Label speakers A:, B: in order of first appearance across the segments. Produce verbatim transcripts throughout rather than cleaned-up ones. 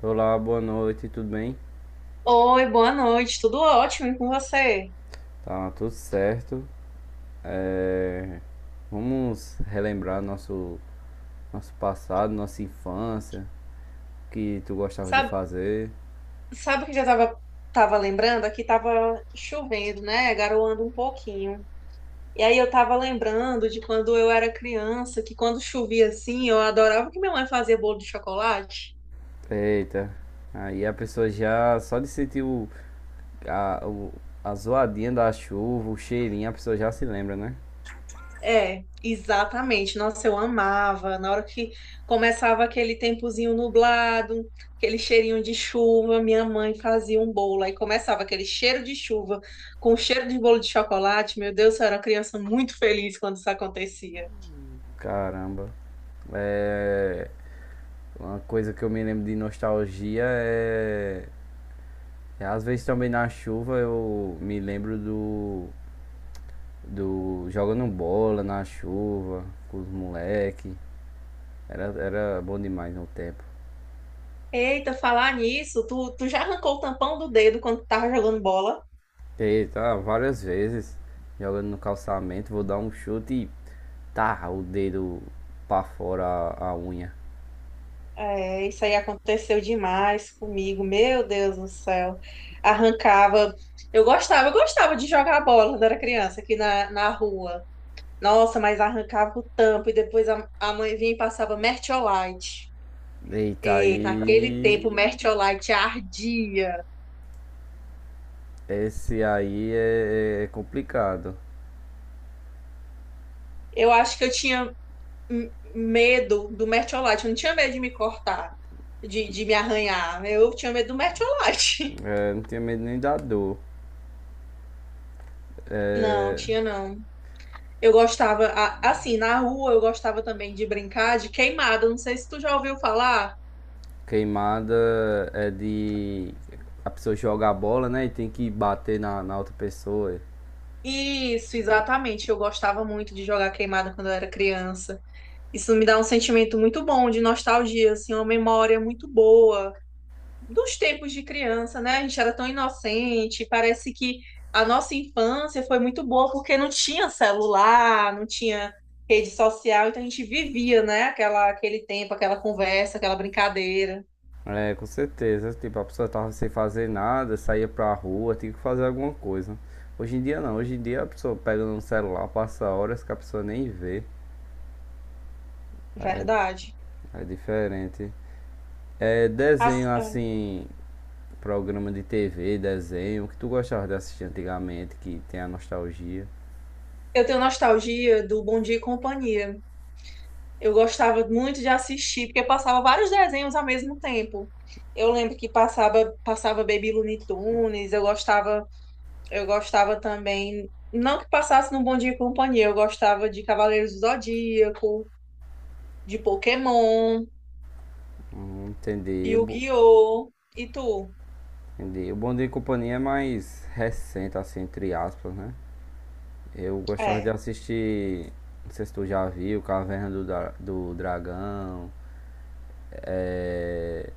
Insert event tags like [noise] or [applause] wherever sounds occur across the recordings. A: Olá, boa noite, tudo bem?
B: Oi, boa noite, tudo ótimo e com você?
A: Tá tudo certo. É, Vamos relembrar nosso, nosso passado, nossa infância, o que tu gostava de
B: Sabe,
A: fazer.
B: sabe que já tava, tava lembrando? Aqui tava chovendo, né? Garoando um pouquinho. E aí eu tava lembrando de quando eu era criança, que quando chovia assim, eu adorava que minha mãe fazia bolo de chocolate.
A: Eita, aí a pessoa já só de sentir o, a, o- a zoadinha da chuva, o cheirinho, a pessoa já se lembra, né?
B: É, exatamente. Nossa, eu amava. Na hora que começava aquele tempozinho nublado, aquele cheirinho de chuva, minha mãe fazia um bolo. Aí começava aquele cheiro de chuva com cheiro de bolo de chocolate. Meu Deus, eu era uma criança muito feliz quando isso acontecia.
A: Caramba. É, uma coisa que eu me lembro de nostalgia é, é às vezes também na chuva eu me lembro do do jogando bola na chuva com os moleque. Era, era bom demais no tempo.
B: Eita, falar nisso, tu, tu já arrancou o tampão do dedo quando tu tava jogando bola?
A: E tá várias vezes jogando no calçamento, vou dar um chute e tá o dedo pra fora a, a unha.
B: É, isso aí aconteceu demais comigo, meu Deus do céu. Arrancava. Eu gostava, eu gostava de jogar bola quando era criança aqui na, na rua. Nossa, mas arrancava o tampo e depois a, a mãe vinha e passava Mertiolate.
A: Eita
B: E naquele
A: aí.
B: tempo, o Mertiolate ardia.
A: Esse aí é, é complicado.
B: Eu acho que eu tinha hum, medo do Mertiolate, eu não tinha medo de me cortar, de, de me arranhar. Eu tinha medo do Mertiolate. [laughs]
A: É, não tenho medo nem da dor.
B: Não,
A: É,
B: tinha não. Eu gostava, a- assim, na rua eu gostava também de brincar de queimada. Não sei se tu já ouviu falar.
A: queimada é de a pessoa joga a bola, né? E tem que bater na, na outra pessoa.
B: Isso, exatamente. Eu gostava muito de jogar queimada quando eu era criança. Isso me dá um sentimento muito bom de nostalgia, assim, uma memória muito boa dos tempos de criança, né? A gente era tão inocente. Parece que a nossa infância foi muito boa porque não tinha celular, não tinha rede social, então a gente vivia, né? Aquela, aquele tempo, aquela conversa, aquela brincadeira.
A: É, com certeza. Tipo, a pessoa tava sem fazer nada, saía pra rua, tinha que fazer alguma coisa. Hoje em dia não, hoje em dia a pessoa pega no celular, passa horas que a pessoa nem vê.
B: Verdade.
A: É diferente. É,
B: As-
A: desenho
B: ah,
A: assim, programa de T V, desenho, o que tu gostava de assistir antigamente, que tem a nostalgia.
B: Eu tenho nostalgia do Bom Dia e Companhia. Eu gostava muito de assistir, porque passava vários desenhos ao mesmo tempo. Eu lembro que passava, passava Baby Looney Tunes, eu gostava, eu gostava também, não que passasse no Bom Dia e Companhia, eu gostava de Cavaleiros do Zodíaco, de Pokémon,
A: Hum, entendi. Bo-
B: Yu-Gi-Oh! E tu?
A: Entendi. O Bom Dia e Companhia é mais recente, assim, entre aspas, né? Eu gostava de
B: É,
A: assistir, não sei se tu já viu, Caverna do, Dra- do Dragão. É,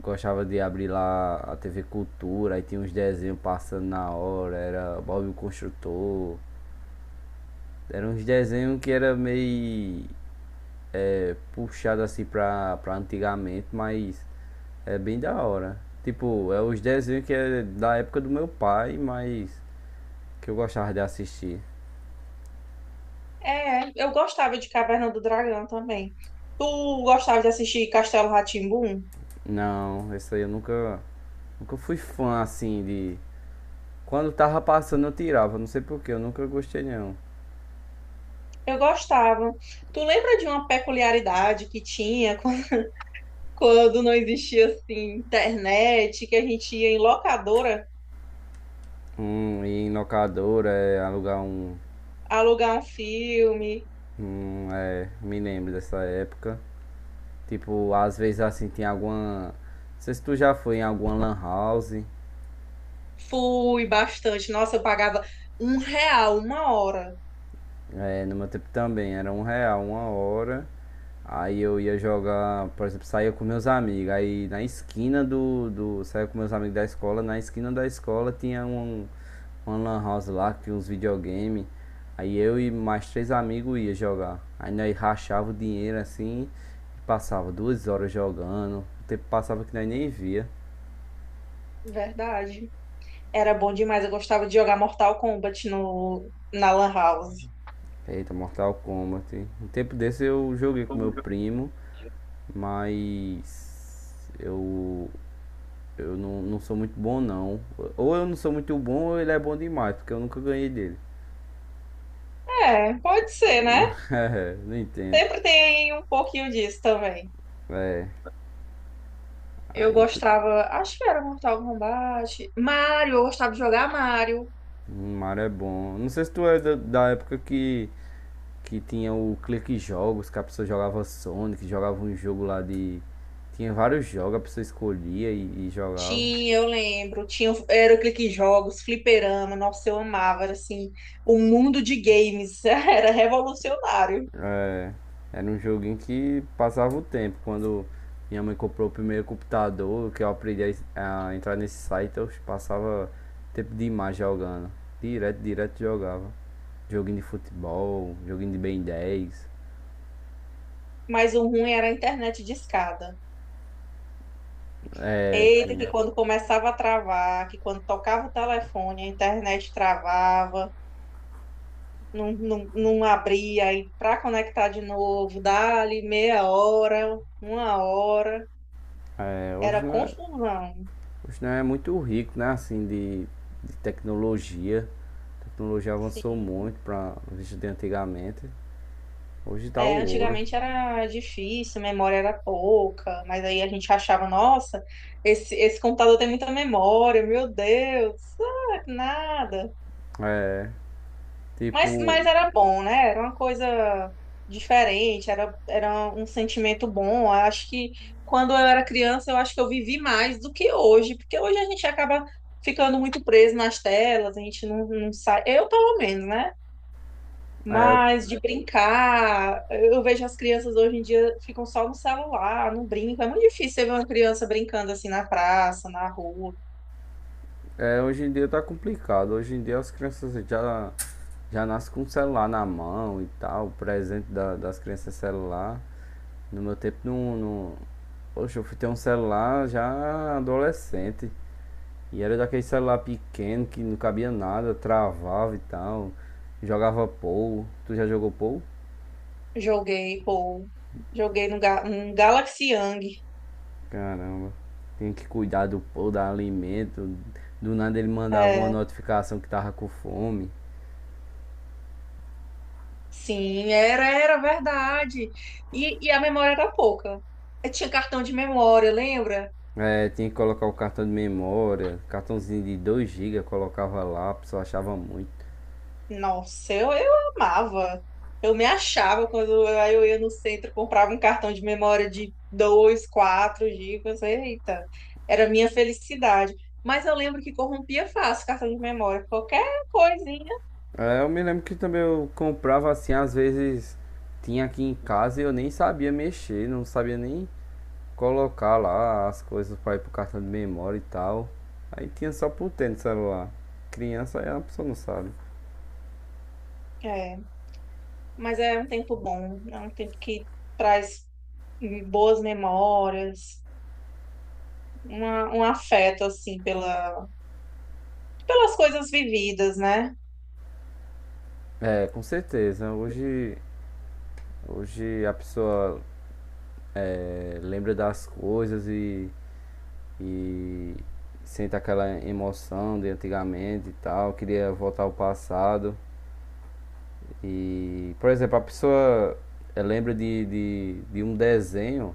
A: gostava de abrir lá a T V Cultura, aí tinha uns desenhos passando na hora, era Bob o Construtor. Eram uns desenhos que era meio é, puxado assim pra, pra antigamente, mas é bem da hora. Tipo, é os desenhos que é da época do meu pai, mas que eu gostava de assistir.
B: é, eu gostava de Caverna do Dragão também. Tu gostava de assistir Castelo rá tim.
A: Não, isso aí eu nunca, nunca fui fã assim de. Quando tava passando eu tirava, não sei porquê, eu nunca gostei não.
B: Eu gostava. Tu lembra de uma peculiaridade que tinha [laughs] quando quando não existia assim internet, que a gente ia em locadora
A: Hum, e em locadora, é, alugar um,
B: alugar um filme?
A: um, é, me lembro dessa época. Tipo, às vezes assim, tem alguma, não sei se tu já foi em alguma lan house.
B: Fui bastante. Nossa, eu pagava um real uma hora.
A: É, no meu tempo também, era um real, uma hora. Aí eu ia jogar, por exemplo, saía com meus amigos. Aí na esquina do. Do saía com meus amigos da escola, na esquina da escola tinha um, uma lan house lá, que tinha uns videogame. Aí eu e mais três amigos ia jogar. Aí nós rachava o dinheiro assim e passava duas horas jogando. O tempo passava que nós nem via.
B: Verdade. Era bom demais. Eu gostava de jogar Mortal Kombat no, na Lan House.
A: Eita, Mortal Kombat. Um tempo desse eu joguei com meu primo, mas eu eu não, não sou muito bom, não. Ou eu não sou muito bom, ou ele é bom demais, porque eu nunca ganhei dele.
B: É, pode ser, né?
A: [laughs] É, não entendo.
B: Sempre tem um pouquinho disso também.
A: É,
B: Eu
A: aí tu...
B: gostava, acho que era Mortal Kombat. Mario, eu gostava de jogar Mario.
A: o Mario é bom. Não sei se tu é da, da época que, que tinha o Clique Jogos, que a pessoa jogava Sonic, jogava um jogo lá de. Tinha vários jogos, a pessoa escolhia e, e jogava.
B: Tinha, eu lembro. Tinha, o- era aqueles jogos, fliperama. Nossa, eu amava. Era assim, o mundo de games. [laughs] Era revolucionário.
A: É, era um joguinho que passava o tempo. Quando minha mãe comprou o primeiro computador, que eu aprendi a a, entrar nesse site, eu passava tempo demais jogando. Direto, direto jogava. Joguinho de futebol, joguinho de Ben dez.
B: Mas o ruim era a internet de escada.
A: É,
B: Eita,
A: que,
B: que quando começava a travar, que quando tocava o telefone, a internet travava, não, não, não abria. Aí para conectar de novo, dali meia hora, uma hora.
A: é,
B: Era
A: hoje não é,
B: confusão.
A: Hoje não é muito rico, né? Assim, de, de tecnologia. A tecnologia avançou
B: Sim.
A: muito para os vídeos de antigamente. Hoje tá
B: É,
A: o ouro.
B: antigamente era difícil, a memória era pouca, mas aí a gente achava, nossa, esse, esse computador tem muita memória, meu Deus, ah, nada.
A: É,
B: Mas,
A: tipo,
B: mas era bom, né? Era uma coisa diferente, era, era um sentimento bom. Eu acho que quando eu era criança, eu acho que eu vivi mais do que hoje, porque hoje a gente acaba ficando muito preso nas telas, a gente não, não sai, eu pelo menos, né?
A: é, eu
B: Mas de brincar, eu vejo as crianças hoje em dia ficam só no celular, não brincam. É muito difícil você ver uma criança brincando assim na praça, na rua.
A: É, hoje em dia tá complicado. Hoje em dia as crianças já, já nascem com o celular na mão e tal. O presente da- das crianças é celular. No meu tempo não, não. Poxa, eu fui ter um celular já adolescente. E era daquele celular pequeno que não cabia nada, travava e tal. Jogava pou. Tu já jogou pou?
B: Joguei, pô, joguei no Ga- um Galaxy Young.
A: Caramba. Tem que cuidar do pou, dar alimento. Do nada ele mandava uma
B: É,
A: notificação que tava com fome.
B: sim, era, era verdade. E, e a memória era pouca. Eu tinha cartão de memória, lembra?
A: É, tinha que colocar o cartão de memória, cartãozinho de dois gigas colocava lá, a pessoa achava muito.
B: Nossa, eu, eu amava. Eu me achava quando eu, aí eu ia no centro, comprava um cartão de memória de dois quatro gigas. Eita, era a minha felicidade. Mas eu lembro que corrompia fácil cartão de memória, qualquer coisinha.
A: É, eu me lembro que também eu comprava assim, às vezes tinha aqui em casa e eu nem sabia mexer, não sabia nem colocar lá as coisas para ir pro cartão de memória e tal. Aí tinha só por ter no celular. Criança aí a pessoa não sabe.
B: É, mas é um tempo bom, é um tempo que traz hum, boas memórias, uma- um afeto, assim, pela, pelas coisas vividas, né?
A: É, com certeza. Hoje, hoje a pessoa é, lembra das coisas e e sente aquela emoção de antigamente e tal, queria voltar ao passado. E, por exemplo, a pessoa eh, lembra de, de, de um desenho,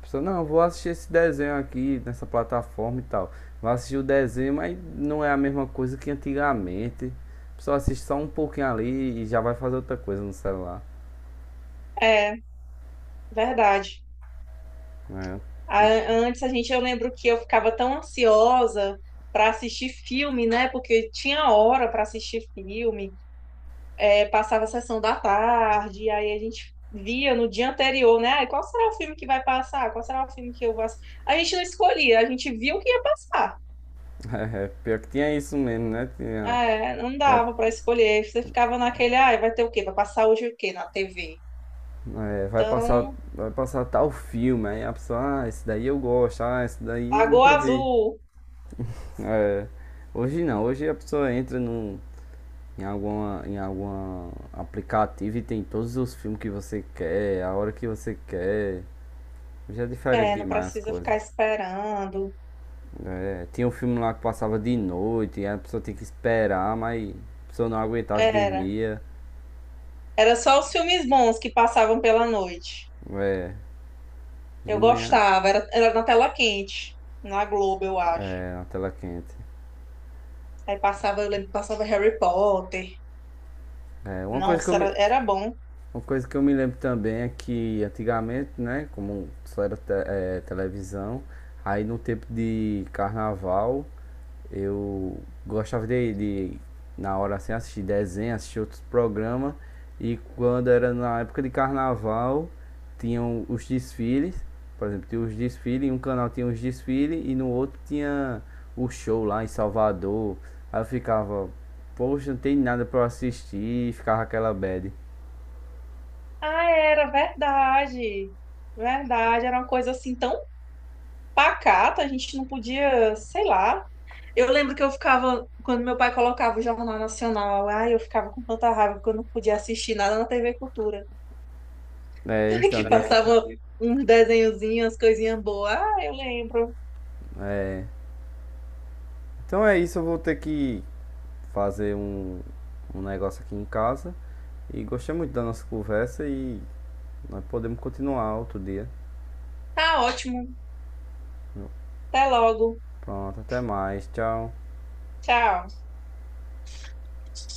A: a pessoa, não, vou assistir esse desenho aqui nessa plataforma e tal. Vai assistir o desenho, mas não é a mesma coisa que antigamente. A pessoa assiste só um pouquinho ali e já vai fazer outra coisa no celular.
B: É, verdade.
A: É,
B: A- Antes a gente, eu lembro que eu ficava tão ansiosa para assistir filme, né? Porque tinha hora para assistir filme. É, passava a sessão da tarde, e aí a gente via no dia anterior, né? Ai, qual será o filme que vai passar? Qual será o filme que eu vou assistir? A gente não escolhia, a gente via o que ia passar.
A: [laughs] é pior que tinha isso mesmo, né? Tinha,
B: Ah, é, não
A: vai
B: dava para escolher, você ficava naquele, ai, vai ter o quê? Vai passar hoje o quê na T V?
A: É, vai passar,
B: Então,
A: vai passar tal filme, aí a pessoa, ah, esse daí eu gosto, ah, esse daí eu nunca
B: Lagoa
A: vi.
B: Azul,
A: É, hoje não, hoje a pessoa entra num, em alguma, em algum aplicativo e tem todos os filmes que você quer, a hora que você quer. Hoje é diferente
B: é, não
A: demais as
B: precisa
A: coisas.
B: ficar esperando.
A: É, tinha um filme lá que passava de noite, e a pessoa tinha que esperar, mas a pessoa não aguentava e
B: Era.
A: dormia.
B: Era só os filmes bons que passavam pela noite.
A: É, de
B: Eu
A: manhã,
B: gostava, era, era na tela quente, na Globo, eu acho.
A: é, Na tela quente.
B: Aí passava, eu lembro, que passava Harry Potter.
A: É, uma coisa que eu
B: Nossa,
A: me,
B: era, era bom.
A: Uma coisa que eu me lembro também é que antigamente, né, como só era te- eh, televisão, aí no tempo de carnaval eu gostava de, de na hora assim, assistir desenho, assistir outros programas, e quando era na época de carnaval, tinham os desfiles, por exemplo, tinha os desfiles, em um canal tinha os desfiles e no outro tinha o show lá em Salvador. Aí eu ficava, poxa, não tem nada pra eu assistir, e ficava aquela bad.
B: Ah, era verdade. Verdade, era uma coisa assim tão pacata, a gente não podia, sei lá. Eu lembro que eu ficava, quando meu pai colocava o Jornal Nacional, ai, eu ficava com tanta raiva porque eu não podia assistir nada na T V Cultura.
A: É,
B: [laughs]
A: então,
B: Que
A: tinha que.
B: passava uns desenhozinhos, umas coisinhas boas. Ah, eu lembro.
A: É. Então é isso, eu vou ter que fazer um, um negócio aqui em casa. E gostei muito da nossa conversa e nós podemos continuar outro dia.
B: Tá ótimo. Até logo.
A: Pronto, até mais. Tchau.
B: Tchau.